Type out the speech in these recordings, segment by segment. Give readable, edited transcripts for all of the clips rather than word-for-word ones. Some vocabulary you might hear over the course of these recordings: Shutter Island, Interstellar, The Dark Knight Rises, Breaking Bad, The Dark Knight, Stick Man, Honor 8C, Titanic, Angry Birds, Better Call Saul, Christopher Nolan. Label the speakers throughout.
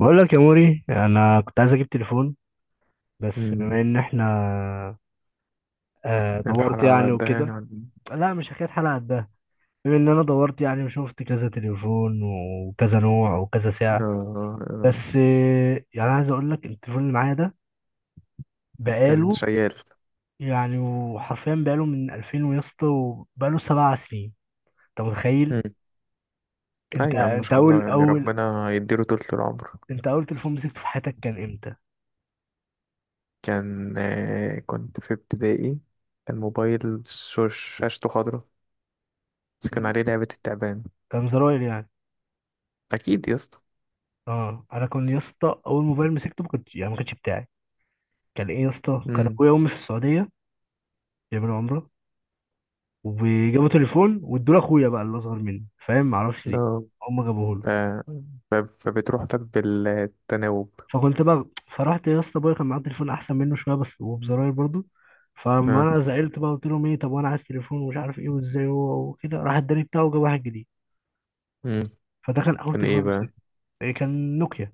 Speaker 1: بقول لك يا موري، انا كنت عايز اجيب تليفون بس
Speaker 2: مم.
Speaker 1: بما ان احنا دورت
Speaker 2: الحلقة على
Speaker 1: يعني
Speaker 2: قدها يعني
Speaker 1: وكده. لا، مش حكايه حلقه قدها، بما ان انا دورت يعني وشفت كذا تليفون وكذا نوع وكذا سعر
Speaker 2: آه. آه.
Speaker 1: بس يعني عايز اقول لك التليفون اللي معايا ده
Speaker 2: كان
Speaker 1: بقاله،
Speaker 2: شيال.
Speaker 1: يعني وحرفيا بقاله من 2000 ويا اسطى وبقاله 7 سنين. انت متخيل؟
Speaker 2: مم. لا
Speaker 1: انت
Speaker 2: يا عم، ما
Speaker 1: انت
Speaker 2: شاء الله،
Speaker 1: اول
Speaker 2: يعني
Speaker 1: اول
Speaker 2: ربنا يديله طول العمر.
Speaker 1: انت اول تليفون مسكته في حياتك كان امتى؟
Speaker 2: كان كنت في ابتدائي. كان موبايل شاشته خضرا. بس كان عليه لعبة التعبان.
Speaker 1: كان زراير يعني.
Speaker 2: أكيد يا اسطى.
Speaker 1: اه، انا كنت يا اسطى اول موبايل مسكته ما كنتش، يعني ما كانش بتاعي. كان ايه يا اسطى؟ كان
Speaker 2: مم.
Speaker 1: اخويا وامي في السعوديه بيعملوا عمره وجابوا تليفون وادوا لاخويا بقى اللي اصغر مني، فاهم، معرفش ليه
Speaker 2: آه.
Speaker 1: هم جابوه له.
Speaker 2: ف... فبتروح لك بالتناوب.
Speaker 1: فكنت بقى، فرحت يا اسطى، ابويا كان معاه تليفون احسن منه شويه بس وبزراير برضه. فلما
Speaker 2: آه.
Speaker 1: انا زعلت بقى قلت لهم ايه، طب وانا عايز تليفون ومش عارف ايه وازاي، هو وكده راح اداني بتاعه وجاب واحد جديد.
Speaker 2: مم.
Speaker 1: فده كان اول
Speaker 2: كان
Speaker 1: تليفون
Speaker 2: ايه بقى؟
Speaker 1: امسكه. إيه، كان نوكيا.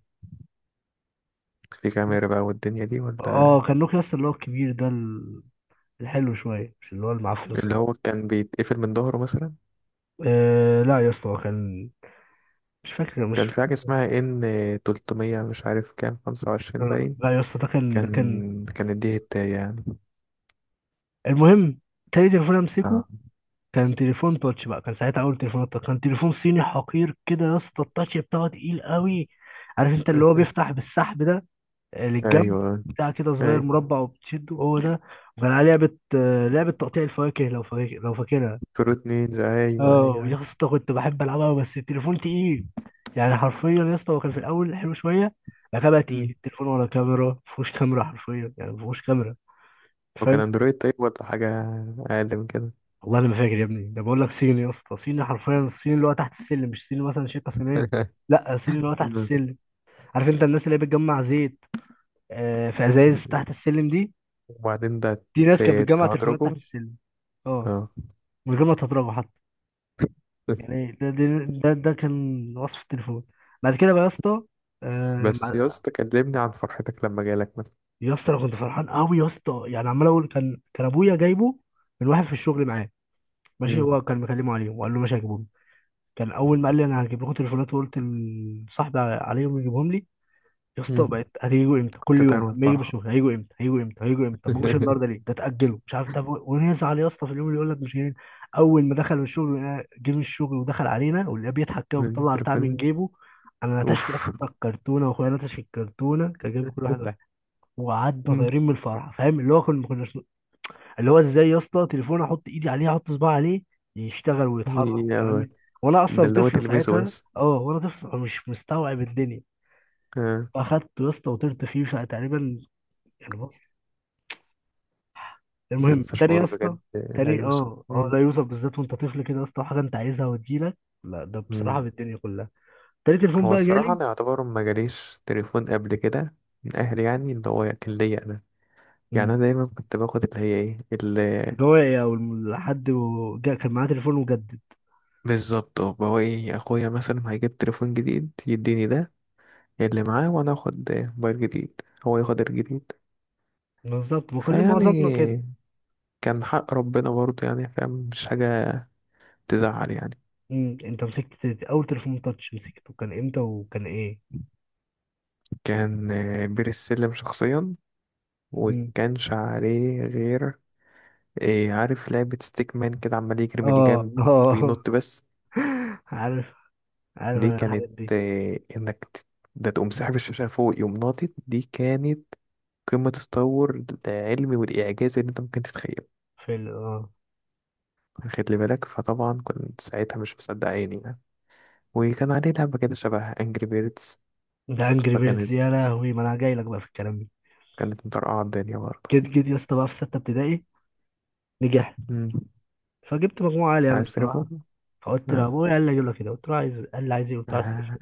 Speaker 2: في كاميرا بقى والدنيا دي
Speaker 1: اه،
Speaker 2: ولا؟
Speaker 1: كان نوكيا، اصلا اللي هو الكبير ده، الحلو شويه، مش اللي هو المعفن
Speaker 2: اللي
Speaker 1: الصغير.
Speaker 2: هو كان بيتقفل من ظهره مثلا.
Speaker 1: آه لا يا اسطى، هو كان، مش فاكر. مش
Speaker 2: كان في حاجة اسمها ان 300، مش عارف كام، 25
Speaker 1: آه،
Speaker 2: باين.
Speaker 1: لا يا اسطى، ده كان ده كان
Speaker 2: كانت دي هتاية يعني.
Speaker 1: المهم. تاني تليفون امسكه
Speaker 2: اه.
Speaker 1: كان تليفون تاتش بقى، كان ساعتها اول تليفون تاتش، كان تليفون صيني حقير كده يا اسطى، التاتش بتاعه تقيل قوي. عارف انت اللي هو بيفتح بالسحب ده، للجنب،
Speaker 2: ايوه،
Speaker 1: بتاع كده صغير
Speaker 2: اي،
Speaker 1: مربع وبتشده، هو ده. وكان عليه لعبه، لعبه تقطيع الفواكه، لو فاكرها.
Speaker 2: فروت نينجا، ايوه ايوه
Speaker 1: اه
Speaker 2: ايوه.
Speaker 1: يا اسطى كنت بحب العبها أوي، بس التليفون تقيل، يعني حرفيا يا اسطى هو كان في الاول حلو شويه، بعد كده بقى تقيل
Speaker 2: مم.
Speaker 1: التليفون، ولا كاميرا، مفيهوش كاميرا حرفيا يعني مفيهوش كاميرا.
Speaker 2: وكان
Speaker 1: فاهم.
Speaker 2: اندرويد طيب ولا حاجة؟ اقل من كده؟
Speaker 1: والله انا ما فاكر يا ابني، ده بقول لك صيني يا اسطى، صيني حرفيا، الصيني اللي هو تحت السلم، مش صيني مثلا شركه صينيه. لا، صيني اللي هو تحت
Speaker 2: مم.
Speaker 1: السلم. عارف انت الناس اللي هي بتجمع زيت، في ازايز
Speaker 2: مم.
Speaker 1: تحت السلم دي،
Speaker 2: وبعدين ده،
Speaker 1: دي ناس كانت بتجمع تليفونات
Speaker 2: تهدرجه.
Speaker 1: تحت السلم، اه،
Speaker 2: اه.
Speaker 1: من غير ما تضربه حتى. يعني ده ده ده كان وصف التليفون. بعد كده بقى يا اسطى، آه،
Speaker 2: بس يا
Speaker 1: مع-
Speaker 2: اسطى كلمني عن فرحتك لما جالك مثلا.
Speaker 1: يا اسطى انا كنت فرحان قوي يا اسطى، يعني عمال اقول كان ابويا جايبه من واحد في الشغل معاه، ماشي،
Speaker 2: مم.
Speaker 1: هو كان مكلمه عليه وقال له ماشي هجيبه. كان اول ما قال لي انا هجيب لكم تليفونات وقلت لصاحبي عليهم يجيبهم لي يا
Speaker 2: مم.
Speaker 1: اسطى. بقت هتيجوا امتى؟ كل
Speaker 2: كنت
Speaker 1: يوم
Speaker 2: طاير من
Speaker 1: اما يجي
Speaker 2: الفرحة.
Speaker 1: بشوف هيجوا امتى، هيجوا امتى، هيجوا امتى؟ طب ما جوش النهارده ليه، ده اتاجلوا مش عارف، طب ونزعل يا اسطى في اليوم اللي يقول لك مش جايين. اول ما دخل الشغل جه من الشغل ودخل علينا ولقاه بيضحك كده
Speaker 2: من
Speaker 1: وبيطلع بتاع من
Speaker 2: التليفون.
Speaker 1: جيبه. انا نتشت
Speaker 2: اوف.
Speaker 1: اصلا الكرتونه واخويا نتش الكرتونه، كان جايب كل واحد واحد. وقعدنا
Speaker 2: مم.
Speaker 1: طايرين من الفرحه، فاهم، اللي هو كنا ما كناش، اللي هو ازاي يا اسطى تليفون احط ايدي عليه، احط صباعي عليه يشتغل ويتحرك
Speaker 2: يا
Speaker 1: ويعمل، وانا
Speaker 2: ده
Speaker 1: اصلا
Speaker 2: اللي هو
Speaker 1: طفل
Speaker 2: تلمسه
Speaker 1: ساعتها،
Speaker 2: بس.
Speaker 1: اه، وانا طفل فمش مستوعب الدنيا.
Speaker 2: آه.
Speaker 1: فاخدته يا اسطى وطرت فيه ساعة تقريبا، يعني بص، المهم.
Speaker 2: لسه
Speaker 1: تاني يا
Speaker 2: شعور
Speaker 1: اسطى،
Speaker 2: بجد لا
Speaker 1: تاني،
Speaker 2: يوصف.
Speaker 1: اه، اه،
Speaker 2: مم.
Speaker 1: لا يوسف، بالذات وانت طفل كده يا اسطى، حاجه انت عايزها وتجيلك، لا ده بصراحه
Speaker 2: مم.
Speaker 1: بالدنيا كلها. تاني تليفون
Speaker 2: هو
Speaker 1: بقى
Speaker 2: الصراحة
Speaker 1: جالي.
Speaker 2: أنا يعتبر ما جاليش تليفون قبل كده من أهلي، يعني اللي هو كان ليا أنا. يعني
Speaker 1: مم.
Speaker 2: أنا دايما كنت باخد اللي هي إيه اللي،
Speaker 1: اللي هو ايه، او كان معاه تليفون وجدد.
Speaker 2: بالظبط، اللي هو إيه، أخويا مثلا هيجيب تليفون جديد يديني ده اللي معاه وأنا آخد موبايل جديد، هو ياخد الجديد.
Speaker 1: بالظبط، ما كل معظمنا كده.
Speaker 2: فيعني كان حق ربنا برضه، يعني فاهم، مش حاجة تزعل يعني.
Speaker 1: مم. انت مسكت اول تليفون تاتش مسكته كان امتى وكان ايه؟
Speaker 2: كان بير السلم شخصيا. وكانش عليه غير إيه، عارف لعبة ستيك مان كده عمال يجري من
Speaker 1: اه،
Speaker 2: جنب
Speaker 1: اه.
Speaker 2: وبينط بس.
Speaker 1: عارف، عارف
Speaker 2: دي
Speaker 1: انا الحاجات
Speaker 2: كانت
Speaker 1: دي.
Speaker 2: إيه إنك ده، تقوم ساحب الشاشة فوق يقوم ناطط. دي كانت قمة التطور العلمي والإعجاز اللي أنت ممكن تتخيله.
Speaker 1: في ال- اه
Speaker 2: خد لي بالك، فطبعا كنت ساعتها مش مصدق عيني يعني. وكان عليه لعبة كده شبه أنجري بيردز.
Speaker 1: ده انجري بيردز
Speaker 2: فكانت
Speaker 1: يا لهوي، ما انا جاي لك بقى في الكلام ده.
Speaker 2: كانت مطرقعة الدنيا برضه.
Speaker 1: جيت يا اسطى بقى في سته ابتدائي، نجحت،
Speaker 2: مم.
Speaker 1: فجبت مجموعه عاليه يعني
Speaker 2: عايز
Speaker 1: بصراحه.
Speaker 2: تليفون؟
Speaker 1: فقلت
Speaker 2: آه.
Speaker 1: لابويا، قال لي اجيب لك كده، قلت له عايز، قال لي عايز ايه، قلت له عايز
Speaker 2: آه.
Speaker 1: تليفون.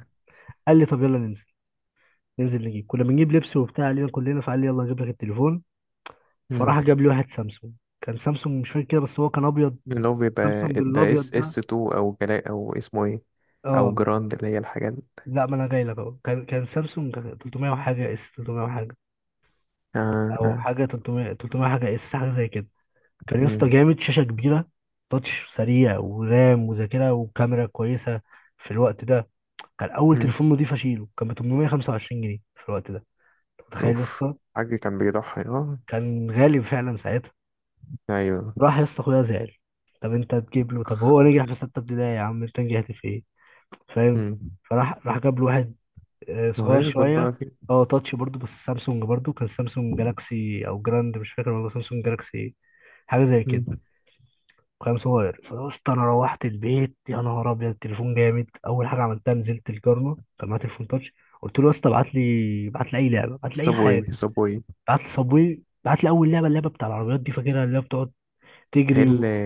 Speaker 1: قال لي طب يلا ننزل، ننزل نجيب، كنا بنجيب لبس وبتاع علينا كلنا، فقال لي يلا اجيب لك التليفون.
Speaker 2: مم.
Speaker 1: فراح جاب لي واحد سامسونج، كان سامسونج مش فاكر كده بس هو كان ابيض،
Speaker 2: اللي هو بيبقى
Speaker 1: سامسونج
Speaker 2: ده اس
Speaker 1: الابيض
Speaker 2: اس
Speaker 1: ده.
Speaker 2: تو، أو جلاء، أو اسمه إيه، أو
Speaker 1: اه،
Speaker 2: جراند، اللي هي الحاجات.
Speaker 1: لا ما انا جاي لك اهو، كان سامسونج 300 وحاجه، اس 300 وحاجه،
Speaker 2: آه.
Speaker 1: او
Speaker 2: آه.
Speaker 1: حاجه 300 300 حاجه، اس حاجه زي كده. كان يا اسطى
Speaker 2: مم.
Speaker 1: جامد، شاشه كبيره، تاتش سريع، ورام وذاكره وكاميرا كويسه في الوقت ده. كان اول
Speaker 2: مم.
Speaker 1: تليفون نضيف اشيله، كان ب 825 جنيه في الوقت ده. أنت متخيل يا
Speaker 2: أوف.
Speaker 1: اسطى؟
Speaker 2: حاج كان بيضحي، اه.
Speaker 1: كان غالي فعلا ساعتها.
Speaker 2: أيوه.
Speaker 1: راح يا اسطى اخويا زعل، طب انت تجيب له، طب هو نجح في سته ابتدائي، يا عم انت نجحت في ايه؟ فاهم.
Speaker 2: مم.
Speaker 1: فراح جاب له واحد
Speaker 2: ما هو
Speaker 1: صغير
Speaker 2: يشبط
Speaker 1: شويه،
Speaker 2: بقى في.
Speaker 1: اه تاتش برضو بس سامسونج برضو، كان سامسونج جالاكسي او جراند مش فاكر، والله سامسونج جالاكسي ايه، حاجه زي كده،
Speaker 2: مم.
Speaker 1: كان صغير. فقلت انا، روحت البيت يا نهار ابيض، التليفون جامد، اول حاجه عملتها نزلت الجارنا كان معاه تليفون تاتش، قلت له يا اسطى ابعت لي اي لعبه، ابعت لي اي
Speaker 2: صابوي
Speaker 1: حاجه،
Speaker 2: صابوي.
Speaker 1: ابعت لي صابوي، ابعت لي اول لعبه، اللعبه بتاع العربيات دي فاكرها، اللي هي بتقعد
Speaker 2: هي
Speaker 1: تجري
Speaker 2: اللي،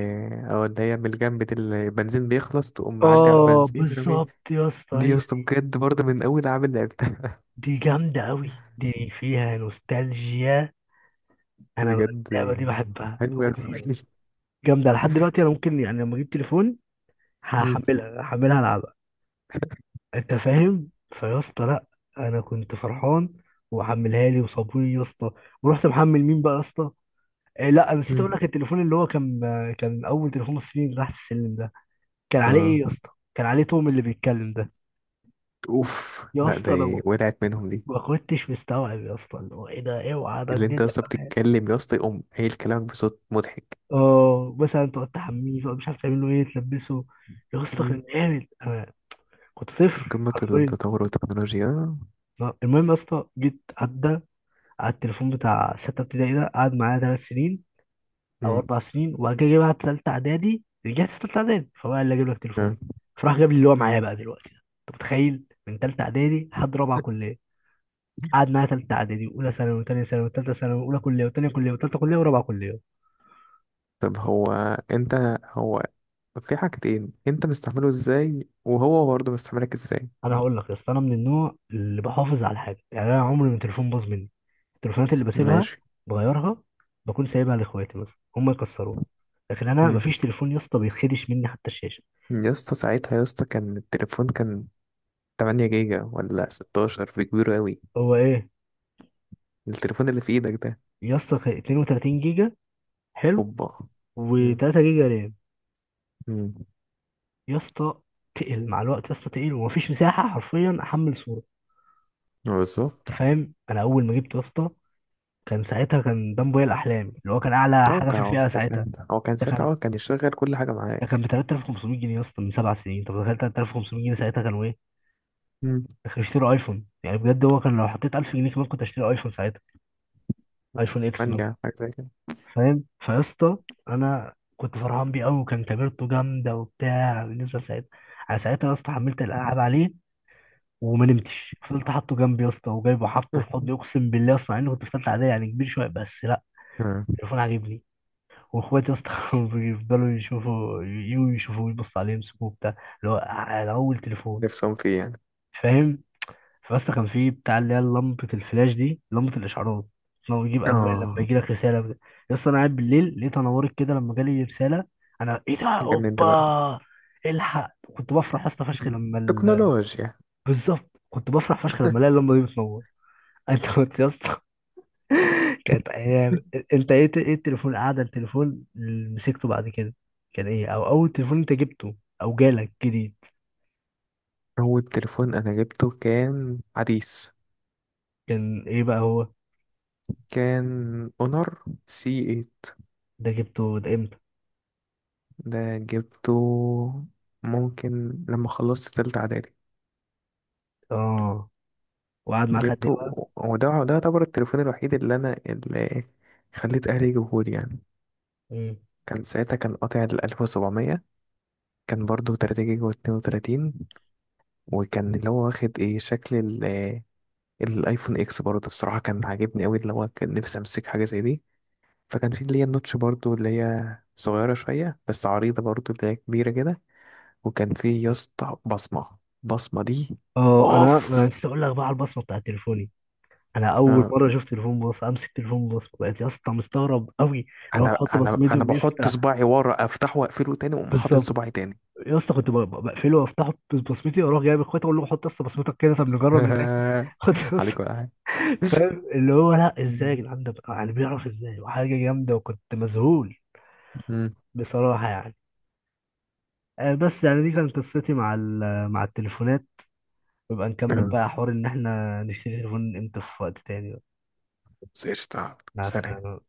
Speaker 2: اه اللي هي من الجنب دي، اللي البنزين بيخلص تقوم معدي على
Speaker 1: اه
Speaker 2: البنزين رمي.
Speaker 1: بالظبط يا اسطى
Speaker 2: دي
Speaker 1: هي،
Speaker 2: يا اسطى بجد برضه من أول أعمل لعبتها.
Speaker 1: دي جامده قوي، دي فيها نوستالجيا. انا بقى،
Speaker 2: بجد.
Speaker 1: اللعبه دي بحبها،
Speaker 2: حلو أوي.
Speaker 1: بموت فيها يا اسطى، جامده لحد دلوقتي، انا ممكن يعني لما اجيب تليفون
Speaker 2: مم.
Speaker 1: هحملها العبها. انت فاهم فيا اسطى، لا، انا كنت فرحان. وحملها لي وصابوني يا اسطى، ورحت محمل مين بقى يا اسطى؟ إيه، لا انا نسيت اقول
Speaker 2: مم.
Speaker 1: لك، التليفون اللي هو كان، كان اول تليفون مصري، اللي تحت السلم ده كان عليه
Speaker 2: اه.
Speaker 1: ايه يا اسطى؟ كان عليه توم اللي بيتكلم ده.
Speaker 2: أوف،
Speaker 1: يا
Speaker 2: لا ده
Speaker 1: اسطى انا ما،
Speaker 2: إيه، وقعت منهم دي.
Speaker 1: ما كنتش مستوعب يا اسطى، اللي هو ايه ده، اوعى ده
Speaker 2: اللي انت يا
Speaker 1: الدنيا
Speaker 2: اسطى
Speaker 1: كمان.
Speaker 2: بتتكلم يا اسطى يقوم قايل كلامك بصوت مضحك.
Speaker 1: اه، مثلا تقعد تحميه، تقعد مش عارف تعمل له ايه، تلبسه، يا اسطى
Speaker 2: مم.
Speaker 1: كان جامد، انا كنت طفل
Speaker 2: قمة
Speaker 1: حرفيا.
Speaker 2: التطور والتكنولوجيا.
Speaker 1: المهم يا اسطى، جيت عدى على التليفون بتاع ستة ابتدائي ده، قعد معايا 3 سنين أو 4 سنين، وبعد كده جه بقى تالتة إعدادي، رجعت في تالتة إعدادي فبقى اللي أجيب لك تليفون،
Speaker 2: مم.
Speaker 1: فراح جاب لي اللي هو معايا بقى دلوقتي ده. أنت متخيل من تالتة إعدادي لحد رابعة كلية؟ قعد معايا تالتة إعدادي وأولى ثانوي وتانية ثانوي وتالتة ثانوي وأولى كلية وتانية كلية وتالتة كلية ورابعة كلية.
Speaker 2: طب هو انت هو في حاجتين انت مستعمله ازاي وهو برضه مستعملك ازاي؟
Speaker 1: أنا هقول لك يا أسطى، أنا من النوع اللي بحافظ على حاجة، يعني أنا عمري ما التليفون باظ مني، التليفونات اللي بسيبها
Speaker 2: ماشي.
Speaker 1: بغيرها بكون سايبها لاخواتي مثلا هم يكسروها، لكن انا
Speaker 2: مم.
Speaker 1: مفيش تليفون يا اسطى بيتخدش مني حتى الشاشه.
Speaker 2: يا اسطى ساعتها، يا اسطى، كان التليفون 8 جيجا ولا 16، في كبير قوي؟
Speaker 1: هو ايه،
Speaker 2: التليفون اللي في ايدك ده.
Speaker 1: يا اسطى كان 32 جيجا، حلو،
Speaker 2: اوبا. مم.
Speaker 1: و3 جيجا رام.
Speaker 2: مم.
Speaker 1: يا اسطى تقل مع الوقت يا اسطى، تقل ومفيش مساحه حرفيا احمل صوره.
Speaker 2: بالظبط.
Speaker 1: انت فاهم، انا اول ما جبته يا اسطى كان ساعتها، كان ده موبايل احلامي اللي هو كان اعلى
Speaker 2: هو
Speaker 1: حاجه في
Speaker 2: كان
Speaker 1: الفئه ساعتها.
Speaker 2: هو كان
Speaker 1: ده
Speaker 2: ساعتها
Speaker 1: كان
Speaker 2: هو كان يشغل كل حاجة
Speaker 1: ده كان
Speaker 2: معاك.
Speaker 1: ب 3500 جنيه يا اسطى من 7 سنين، طب تخيل 3500 جنيه ساعتها كانوا ايه؟
Speaker 2: مم.
Speaker 1: ده كانوا يشتروا ايفون يعني، بجد هو كان لو حطيت 1000 جنيه كمان كنت اشتري ايفون ساعتها، ايفون اكس مثلا.
Speaker 2: منجع حاجة زي كده.
Speaker 1: فاهم فيا اسطى، انا كنت فرحان بيه قوي، وكان كاميرته جامده وبتاع بالنسبه لساعتها. انا ساعتها يا اسطى حملت الالعاب عليه وما نمتش، فضلت حاطه جنبي يا اسطى وجايبه حاطه في حضني، اقسم بالله اصلا اني كنت في ثالثه اعدادي يعني كبير شويه، بس لا،
Speaker 2: مم.
Speaker 1: التليفون عاجبني. واخواتي يا اسطى كانوا بيفضلوا يشوفوا، يجوا يشوفوه يبصوا عليه يمسكوه، بتاع اللي هو على اول تليفون،
Speaker 2: نفسهم فيه يعني.
Speaker 1: فاهم. فبس كان في بتاع اللي هي لمبة الفلاش دي، لمبة الإشعارات، لو يجيب ألوان لما
Speaker 2: اه.
Speaker 1: يجي لك رسالة بجد. يا اسطى أنا قاعد بالليل لقيتها نورت كده لما جالي رسالة، أنا إيه ده
Speaker 2: جنن ده بقى.
Speaker 1: أوبا، الحق. كنت بفرح يا اسطى فشخ
Speaker 2: مم.
Speaker 1: لما
Speaker 2: تكنولوجيا.
Speaker 1: بالظبط، كنت بفرح فشخ لما الاقي اللمبة دي بتنور. أنت كنت يا اسطى، كانت أيام. أنت إيه التليفون، التليفون اللي مسكته بعد كده كان إيه؟ أو أول تليفون أنت جبته أو جالك جديد،
Speaker 2: هو التليفون انا جبته كان حديث.
Speaker 1: كان إيه بقى هو؟
Speaker 2: كان اونر سي 8.
Speaker 1: ده جبته ده إمتى؟
Speaker 2: ده جبته، ممكن لما خلصت تالتة اعدادي،
Speaker 1: آه، وقعد معاك قد
Speaker 2: جبته.
Speaker 1: إيه؟
Speaker 2: وده يعتبر التليفون الوحيد اللي انا خليت اهلي يجيبهولي يعني.
Speaker 1: مم.
Speaker 2: كان ساعتها كان قاطع ال 1700. كان برضه 3 جيجا و 32. وكان اللي هو واخد ايه شكل الايفون اكس برضه. الصراحة كان عاجبني قوي، اللي هو كان نفسي امسك حاجة زي دي. فكان في اللي هي النوتش برضو، اللي هي صغيرة شوية بس عريضة برضو، اللي هي كبيرة كده. وكان في يا اسطى بصمة. البصمة دي،
Speaker 1: اه انا
Speaker 2: اوف.
Speaker 1: لسه اقول لك بقى على البصمه بتاعت تليفوني، انا اول
Speaker 2: آه.
Speaker 1: مره شفت تليفون باص امسك تليفون باص، بقيت يا اسطى مستغرب قوي، لو
Speaker 2: انا
Speaker 1: بحط
Speaker 2: انا
Speaker 1: بصمتي
Speaker 2: انا بحط
Speaker 1: وبيفتح.
Speaker 2: صباعي ورا افتحه واقفله تاني واقوم حاطط
Speaker 1: بالظبط
Speaker 2: صباعي تاني.
Speaker 1: يا اسطى، كنت بقفله وافتحه ببصمتي، واروح جايب اخواتي اقول لهم حط يا اسطى بصمتك كده، طب نجرب نتاكد، حط يا اسطى.
Speaker 2: عليك ولا حاجة.
Speaker 1: فاهم اللي هو لا ازاي يا
Speaker 2: مم.
Speaker 1: جدعان ده يعني بيعرف ازاي، وحاجه جامده، وكنت مذهول
Speaker 2: مم.
Speaker 1: بصراحه يعني. بس يعني دي كانت قصتي مع مع التليفونات. نبقى نكمل
Speaker 2: آه.
Speaker 1: بقى حوار ان احنا نشتري تليفون امتى في وقت تاني بقى.
Speaker 2: بس قشطة.
Speaker 1: مع
Speaker 2: سلام.
Speaker 1: السلامه